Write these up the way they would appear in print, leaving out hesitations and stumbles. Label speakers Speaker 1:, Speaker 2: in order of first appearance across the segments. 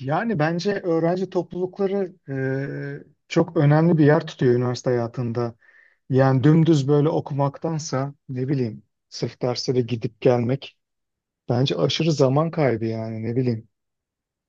Speaker 1: Yani bence öğrenci toplulukları çok önemli bir yer tutuyor üniversite hayatında. Yani dümdüz böyle okumaktansa ne bileyim sırf derslere gidip gelmek bence aşırı zaman kaybı yani ne bileyim.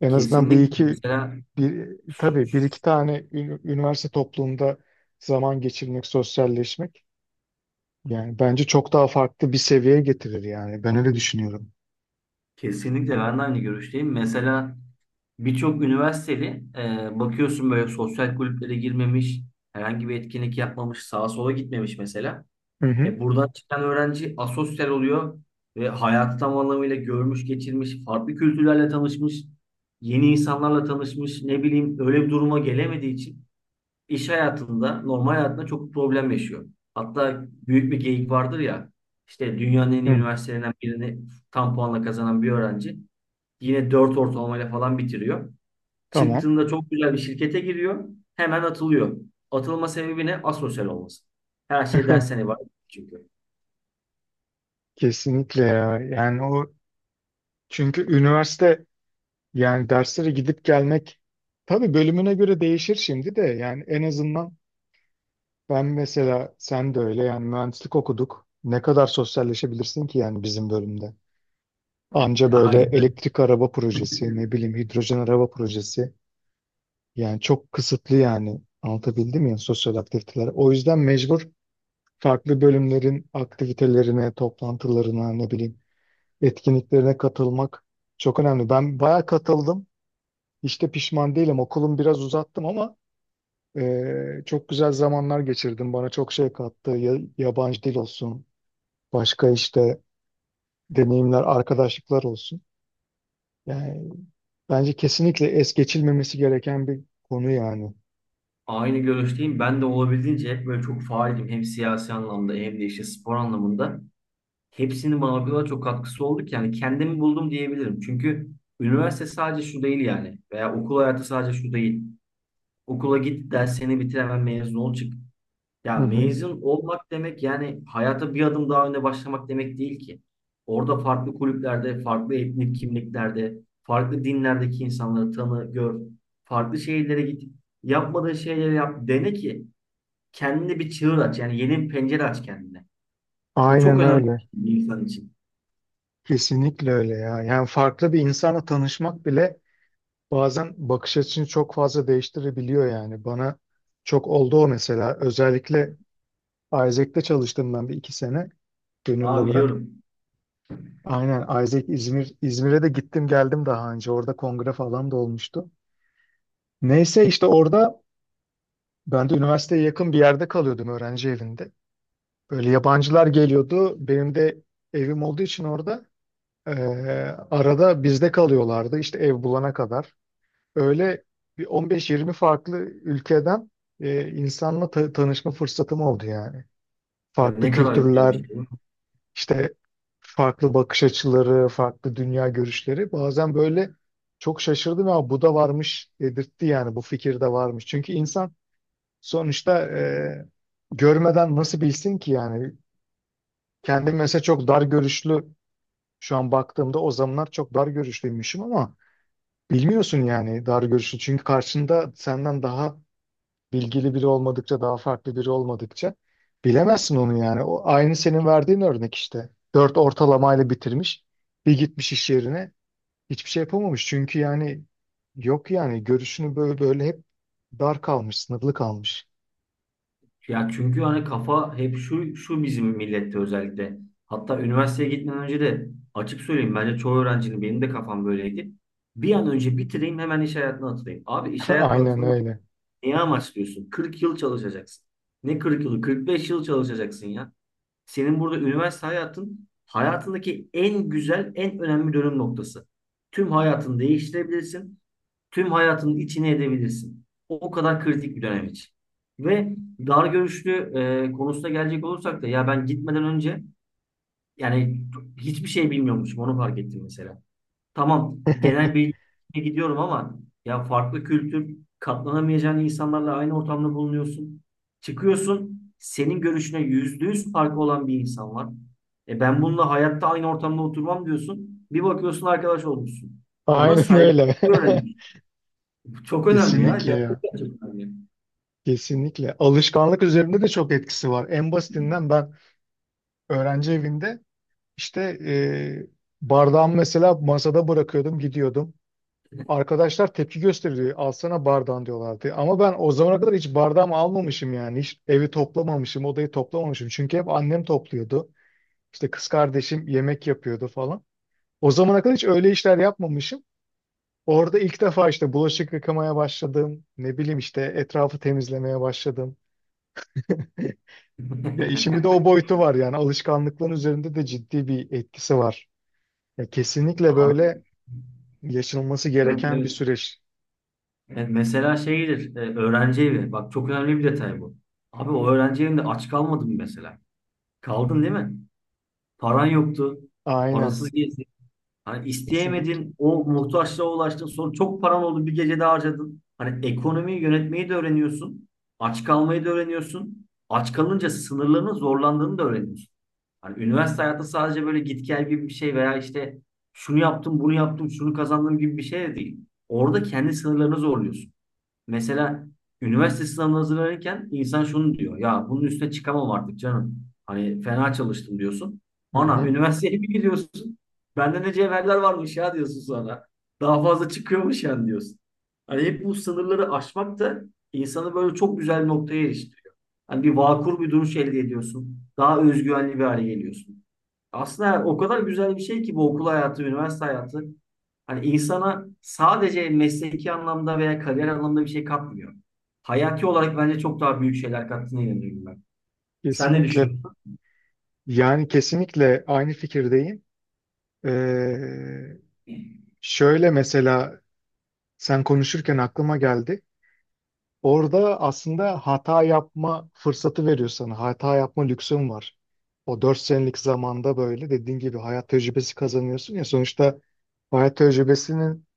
Speaker 1: En azından bir
Speaker 2: Kesinlikle
Speaker 1: iki
Speaker 2: mesela
Speaker 1: tabii bir iki tane üniversite toplumunda zaman geçirmek, sosyalleşmek yani bence çok daha farklı bir seviyeye getirir yani ben öyle düşünüyorum.
Speaker 2: kesinlikle ben de aynı görüşteyim. Mesela birçok üniversiteli bakıyorsun böyle sosyal kulüplere girmemiş, herhangi bir etkinlik yapmamış, sağa sola gitmemiş mesela.
Speaker 1: Hı hı.
Speaker 2: Buradan çıkan öğrenci asosyal oluyor ve hayatı tam anlamıyla görmüş, geçirmiş, farklı kültürlerle tanışmış, yeni insanlarla tanışmış, ne bileyim öyle bir duruma gelemediği için iş hayatında, normal hayatında çok problem yaşıyor. Hatta büyük bir geyik vardır ya, işte dünyanın en iyi
Speaker 1: Hı.
Speaker 2: üniversitelerinden birini tam puanla kazanan bir öğrenci yine 4 ortalamayla falan bitiriyor.
Speaker 1: Tamam.
Speaker 2: Çıktığında çok güzel bir şirkete giriyor, hemen atılıyor. Atılma sebebi ne? Asosyal olması. Her şey dersten ibaret çünkü.
Speaker 1: Kesinlikle ya. Yani o, çünkü üniversite, yani derslere gidip gelmek tabii bölümüne göre değişir şimdi de yani en azından ben mesela sen de öyle yani mühendislik okuduk. Ne kadar sosyalleşebilirsin ki yani bizim bölümde. Anca böyle
Speaker 2: Aynen.
Speaker 1: elektrik araba projesi ne bileyim hidrojen araba projesi yani çok kısıtlı yani anlatabildim mi ya, sosyal aktiviteler. O yüzden mecbur farklı bölümlerin aktivitelerine, toplantılarına ne bileyim etkinliklerine katılmak çok önemli. Ben bayağı katıldım. Hiç de pişman değilim. Okulum biraz uzattım ama çok güzel zamanlar geçirdim. Bana çok şey kattı. Yabancı dil olsun, başka işte deneyimler, arkadaşlıklar olsun. Yani bence kesinlikle es geçilmemesi gereken bir konu yani.
Speaker 2: Aynı görüşteyim. Ben de olabildiğince hep böyle çok faaldim. Hem siyasi anlamda hem de işte spor anlamında. Hepsinin bana o kadar çok katkısı oldu ki yani kendimi buldum diyebilirim. Çünkü üniversite sadece şu değil yani veya okul hayatı sadece şu değil. Okula git, derslerini bitir, hemen mezun ol çık. Ya
Speaker 1: Hı hı.
Speaker 2: mezun olmak demek yani hayata bir adım daha önde başlamak demek değil ki. Orada farklı kulüplerde, farklı etnik kimliklerde, farklı dinlerdeki insanları tanı, gör. Farklı şehirlere git. Yapmadığın şeyleri yap. Dene ki kendine bir çığır aç. Yani yeni bir pencere aç kendine. Bu çok
Speaker 1: Aynen
Speaker 2: önemli
Speaker 1: öyle.
Speaker 2: bir şey bir insan için.
Speaker 1: Kesinlikle öyle ya. Yani farklı bir insanla tanışmak bile bazen bakış açını çok fazla değiştirebiliyor yani. Bana çok oldu o, mesela. Özellikle Isaac'te çalıştım ben bir iki sene gönüllü
Speaker 2: Ha
Speaker 1: olarak.
Speaker 2: biliyorum.
Speaker 1: Aynen Isaac İzmir'e de gittim geldim daha önce. Orada kongre falan da olmuştu. Neyse işte orada ben de üniversiteye yakın bir yerde kalıyordum öğrenci evinde. Böyle yabancılar geliyordu. Benim de evim olduğu için orada eee, arada bizde kalıyorlardı işte ev bulana kadar. Öyle bir 15-20 farklı ülkeden insanla tanışma fırsatım oldu yani.
Speaker 2: Ay,
Speaker 1: Farklı
Speaker 2: ne kadar güzel bir
Speaker 1: kültürler,
Speaker 2: şey.
Speaker 1: İşte farklı bakış açıları, farklı dünya görüşleri bazen böyle, çok şaşırdım ama bu da varmış dedirtti yani, bu fikir de varmış. Çünkü insan sonuçta görmeden nasıl bilsin ki yani. Kendim mesela çok dar görüşlü, şu an baktığımda o zamanlar çok dar görüşlüymüşüm ama bilmiyorsun yani dar görüşlü, çünkü karşında senden daha bilgili biri olmadıkça, daha farklı biri olmadıkça bilemezsin onu yani. O aynı senin verdiğin örnek işte. 4 ortalamayla bitirmiş, bir gitmiş iş yerine hiçbir şey yapamamış. Çünkü yani yok yani görüşünü böyle böyle hep dar kalmış, sınırlı kalmış.
Speaker 2: Ya çünkü hani kafa hep şu bizim millette özellikle. Hatta üniversiteye gitmeden önce de açık söyleyeyim bence çoğu öğrencinin benim de kafam böyleydi. Bir an önce bitireyim hemen iş hayatına atılayım. Abi iş hayatına
Speaker 1: Aynen
Speaker 2: atılmak
Speaker 1: öyle.
Speaker 2: neye amaçlıyorsun? 40 yıl çalışacaksın. Ne 40 yılı? 45 yıl çalışacaksın ya. Senin burada üniversite hayatındaki en güzel, en önemli dönüm noktası. Tüm hayatını değiştirebilirsin. Tüm hayatının içine edebilirsin. O kadar kritik bir dönem için. Ve dar görüşlü konusuna gelecek olursak da ya ben gitmeden önce yani hiçbir şey bilmiyormuşum onu fark ettim mesela. Tamam, genel bilgiye gidiyorum ama ya farklı kültür katlanamayacağın insanlarla aynı ortamda bulunuyorsun. Çıkıyorsun, senin görüşüne yüzde yüz farkı olan bir insan var. E ben bununla hayatta aynı ortamda oturmam diyorsun. Bir bakıyorsun arkadaş olmuşsun. Ona
Speaker 1: Aynen
Speaker 2: saygı
Speaker 1: öyle.
Speaker 2: öğreniyorsun. Çok önemli ya.
Speaker 1: Kesinlikle ya.
Speaker 2: Gerçekten çok önemli.
Speaker 1: Kesinlikle. Alışkanlık üzerinde de çok etkisi var. En basitinden ben öğrenci evinde işte e, bardağımı mesela masada bırakıyordum, gidiyordum. Arkadaşlar tepki gösteriyor. Alsana bardağın diyorlardı. Ama ben o zamana kadar hiç bardağımı almamışım yani. Hiç evi toplamamışım, odayı toplamamışım. Çünkü hep annem topluyordu. İşte kız kardeşim yemek yapıyordu falan. O zamana kadar hiç öyle işler yapmamışım. Orada ilk defa işte bulaşık yıkamaya başladım. Ne bileyim işte etrafı temizlemeye başladım. Ya işimi de o boyutu var yani. Alışkanlıkların üzerinde de ciddi bir etkisi var. Ya kesinlikle
Speaker 2: Abi,
Speaker 1: böyle yaşanılması
Speaker 2: evet,
Speaker 1: gereken bir
Speaker 2: evet.
Speaker 1: süreç.
Speaker 2: Mesela şeydir, öğrenci evi. Bak çok önemli bir detay bu. Abi o öğrenci evinde aç kalmadın mı mesela? Kaldın değil mi? Paran yoktu.
Speaker 1: Aynen.
Speaker 2: Parasız gezdin. Hani
Speaker 1: Kesinlikle.
Speaker 2: isteyemedin, o muhtaçlığa ulaştın, sonra çok paran oldu bir gecede harcadın. Hani ekonomiyi yönetmeyi de öğreniyorsun, aç kalmayı da öğreniyorsun. Aç kalınca sınırlarının zorlandığını da öğreniyorsun. Hani üniversite hayatı sadece böyle git gel gibi bir şey veya işte şunu yaptım, bunu yaptım, şunu kazandım gibi bir şey de değil. Orada kendi sınırlarını zorluyorsun. Mesela üniversite sınavına hazırlanırken insan şunu diyor. Ya bunun üstüne çıkamam artık canım. Hani fena çalıştım diyorsun.
Speaker 1: Hı
Speaker 2: Ana
Speaker 1: hı.
Speaker 2: üniversiteye bir gidiyorsun. Bende ne cevherler varmış ya diyorsun sonra. Daha fazla çıkıyormuş yani diyorsun. Hani hep bu sınırları aşmak da insanı böyle çok güzel bir noktaya eriştiriyor. Hani bir vakur bir duruş elde ediyorsun. Daha özgüvenli bir hale geliyorsun. Aslında o kadar güzel bir şey ki bu okul hayatı, üniversite hayatı. Hani insana sadece mesleki anlamda veya kariyer anlamda bir şey katmıyor. Hayati olarak bence çok daha büyük şeyler kattığına inanıyorum ben. Sen ne
Speaker 1: Kesinlikle,
Speaker 2: düşünüyorsun?
Speaker 1: yani kesinlikle aynı fikirdeyim. Ee, Şöyle mesela, sen konuşurken aklıma geldi. Orada aslında hata yapma fırsatı veriyor sana. Hata yapma lüksün var. O 4 senelik zamanda böyle dediğin gibi hayat tecrübesi kazanıyorsun ya. Sonuçta hayat tecrübesinin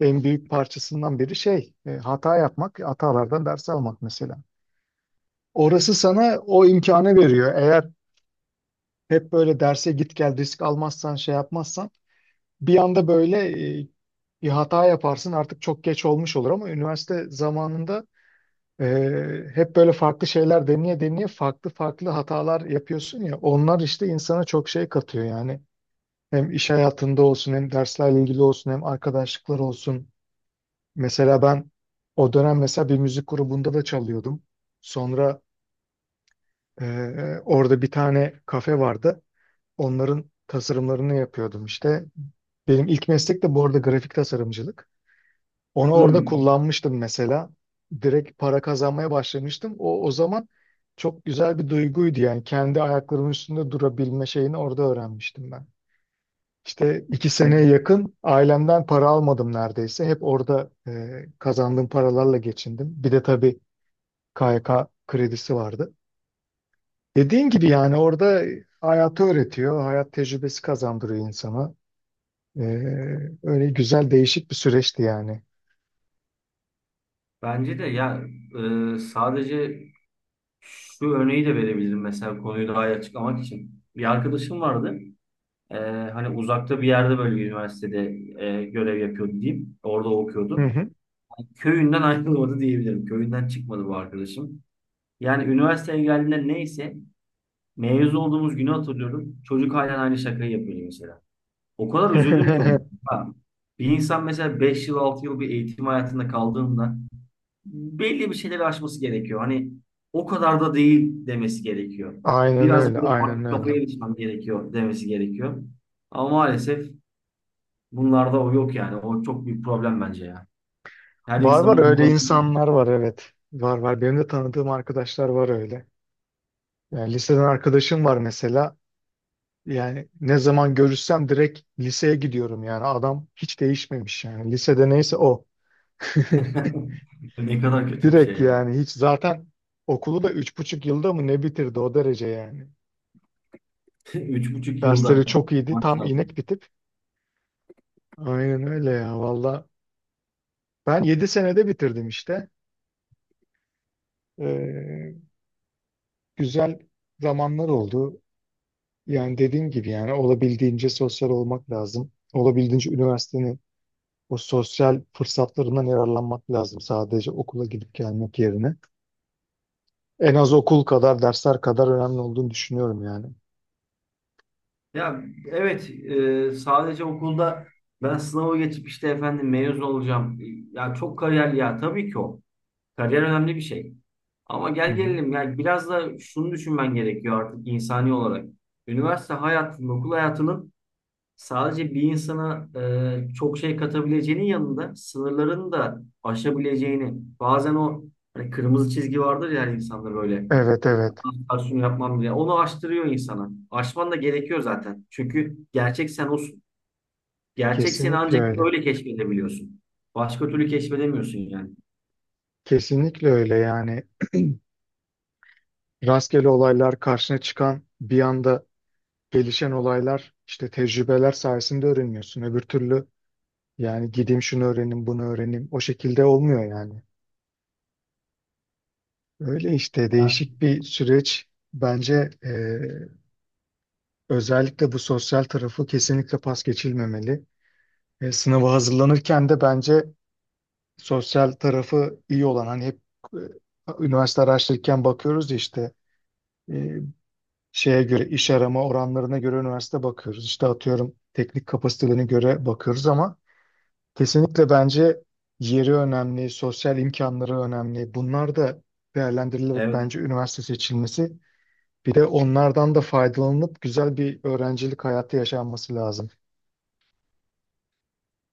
Speaker 1: en büyük parçasından biri şey, hata yapmak, hatalardan ders almak mesela. Orası sana o imkanı veriyor. Eğer hep böyle derse git gel, risk almazsan, şey yapmazsan bir anda böyle e, bir hata yaparsın, artık çok geç olmuş olur ama üniversite zamanında e, hep böyle farklı şeyler deneye deneye farklı farklı hatalar yapıyorsun ya, onlar işte insana çok şey katıyor yani. Hem iş hayatında olsun, hem derslerle ilgili olsun, hem arkadaşlıklar olsun. Mesela ben o dönem mesela bir müzik grubunda da çalıyordum. Sonra e, orada bir tane kafe vardı. Onların tasarımlarını yapıyordum işte. Benim ilk meslek de bu arada grafik tasarımcılık. Onu orada
Speaker 2: Hmm.
Speaker 1: kullanmıştım mesela. Direkt para kazanmaya başlamıştım. O zaman çok güzel bir duyguydu yani. Kendi ayaklarımın üstünde durabilme şeyini orada öğrenmiştim ben. İşte iki
Speaker 2: Evet,
Speaker 1: seneye yakın ailemden para almadım neredeyse. Hep orada kazandığım paralarla geçindim. Bir de tabii KYK kredisi vardı. Dediğin gibi yani orada hayatı öğretiyor. Hayat tecrübesi kazandırıyor insana. E, Öyle güzel değişik bir süreçti yani.
Speaker 2: bence de ya sadece şu örneği de verebilirim mesela konuyu daha iyi açıklamak için. Bir arkadaşım vardı. E, Hani uzakta bir yerde böyle bir üniversitede görev yapıyordu diyeyim. Orada okuyordu.
Speaker 1: Hı hı.
Speaker 2: Köyünden ayrılmadı diyebilirim. Köyünden çıkmadı bu arkadaşım. Yani üniversiteye geldiğinde neyse mezun olduğumuz günü hatırlıyorum. Çocuk halen aynı şakayı yapıyor mesela. O kadar üzüldüm ki onu. Bir insan mesela 5 yıl 6 yıl bir eğitim hayatında kaldığında belli bir şeyleri aşması gerekiyor. Hani o kadar da değil demesi gerekiyor.
Speaker 1: Aynen
Speaker 2: Biraz
Speaker 1: öyle,
Speaker 2: böyle
Speaker 1: aynen
Speaker 2: farklı kafaya
Speaker 1: öyle.
Speaker 2: geçmem gerekiyor demesi gerekiyor. Ama maalesef bunlarda o yok yani. O çok büyük problem bence ya. Her
Speaker 1: Var var,
Speaker 2: insanın bu
Speaker 1: öyle
Speaker 2: konuda…
Speaker 1: insanlar var, evet. Var var. Benim de tanıdığım arkadaşlar var öyle. Yani liseden arkadaşım var mesela. Yani ne zaman görüşsem direkt liseye gidiyorum yani. Adam hiç değişmemiş yani. Lisede neyse o.
Speaker 2: Ne kadar kötü bir şey
Speaker 1: Direkt
Speaker 2: ya.
Speaker 1: yani hiç zaten okulu da 3,5 yılda mı ne bitirdi, o derece yani.
Speaker 2: Üç buçuk yılda
Speaker 1: Dersleri çok iyiydi. Tam
Speaker 2: maşallah.
Speaker 1: inek bitip. Aynen öyle ya, valla. Ben 7 senede bitirdim işte. Ee, Güzel zamanlar oldu. Yani dediğim gibi yani olabildiğince sosyal olmak lazım. Olabildiğince üniversitenin o sosyal fırsatlarından yararlanmak lazım, sadece okula gidip gelmek yerine. En az okul kadar, dersler kadar önemli olduğunu düşünüyorum yani.
Speaker 2: Ya evet, sadece okulda ben sınavı geçip işte efendim mezun olacağım. E, ya çok kariyer ya tabii ki o. Kariyer önemli bir şey. Ama
Speaker 1: Hı
Speaker 2: gel
Speaker 1: hı.
Speaker 2: gelelim yani biraz da şunu düşünmen gerekiyor artık insani olarak. Üniversite hayatının, okul hayatının sadece bir insana çok şey katabileceğinin yanında sınırlarını da aşabileceğini. Bazen o hani kırmızı çizgi vardır ya her insanda böyle.
Speaker 1: Evet evet.
Speaker 2: Aksiyonu yapmam bile. Onu aştırıyor insana. Aşman da gerekiyor zaten. Çünkü gerçek sen olsun. Gerçek seni
Speaker 1: Kesinlikle
Speaker 2: ancak
Speaker 1: öyle.
Speaker 2: öyle keşfedebiliyorsun. Başka türlü keşfedemiyorsun yani.
Speaker 1: Kesinlikle öyle yani. Rastgele olaylar karşına çıkan, bir anda gelişen olaylar, işte tecrübeler sayesinde öğreniyorsun. Öbür türlü yani gideyim şunu öğrenim, bunu öğrenim, o şekilde olmuyor yani. Öyle işte,
Speaker 2: Ya,
Speaker 1: değişik bir süreç. Bence özellikle bu sosyal tarafı kesinlikle pas geçilmemeli. Sınava hazırlanırken de bence sosyal tarafı iyi olan, hani hep e, üniversite araştırırken bakıyoruz ya işte e, şeye göre, iş arama oranlarına göre üniversite bakıyoruz. İşte atıyorum teknik kapasitelerine göre bakıyoruz ama kesinlikle bence yeri önemli, sosyal imkanları önemli. Bunlar da değerlendirilerek
Speaker 2: evet.
Speaker 1: bence üniversite seçilmesi. Bir de onlardan da faydalanıp güzel bir öğrencilik hayatı yaşanması lazım.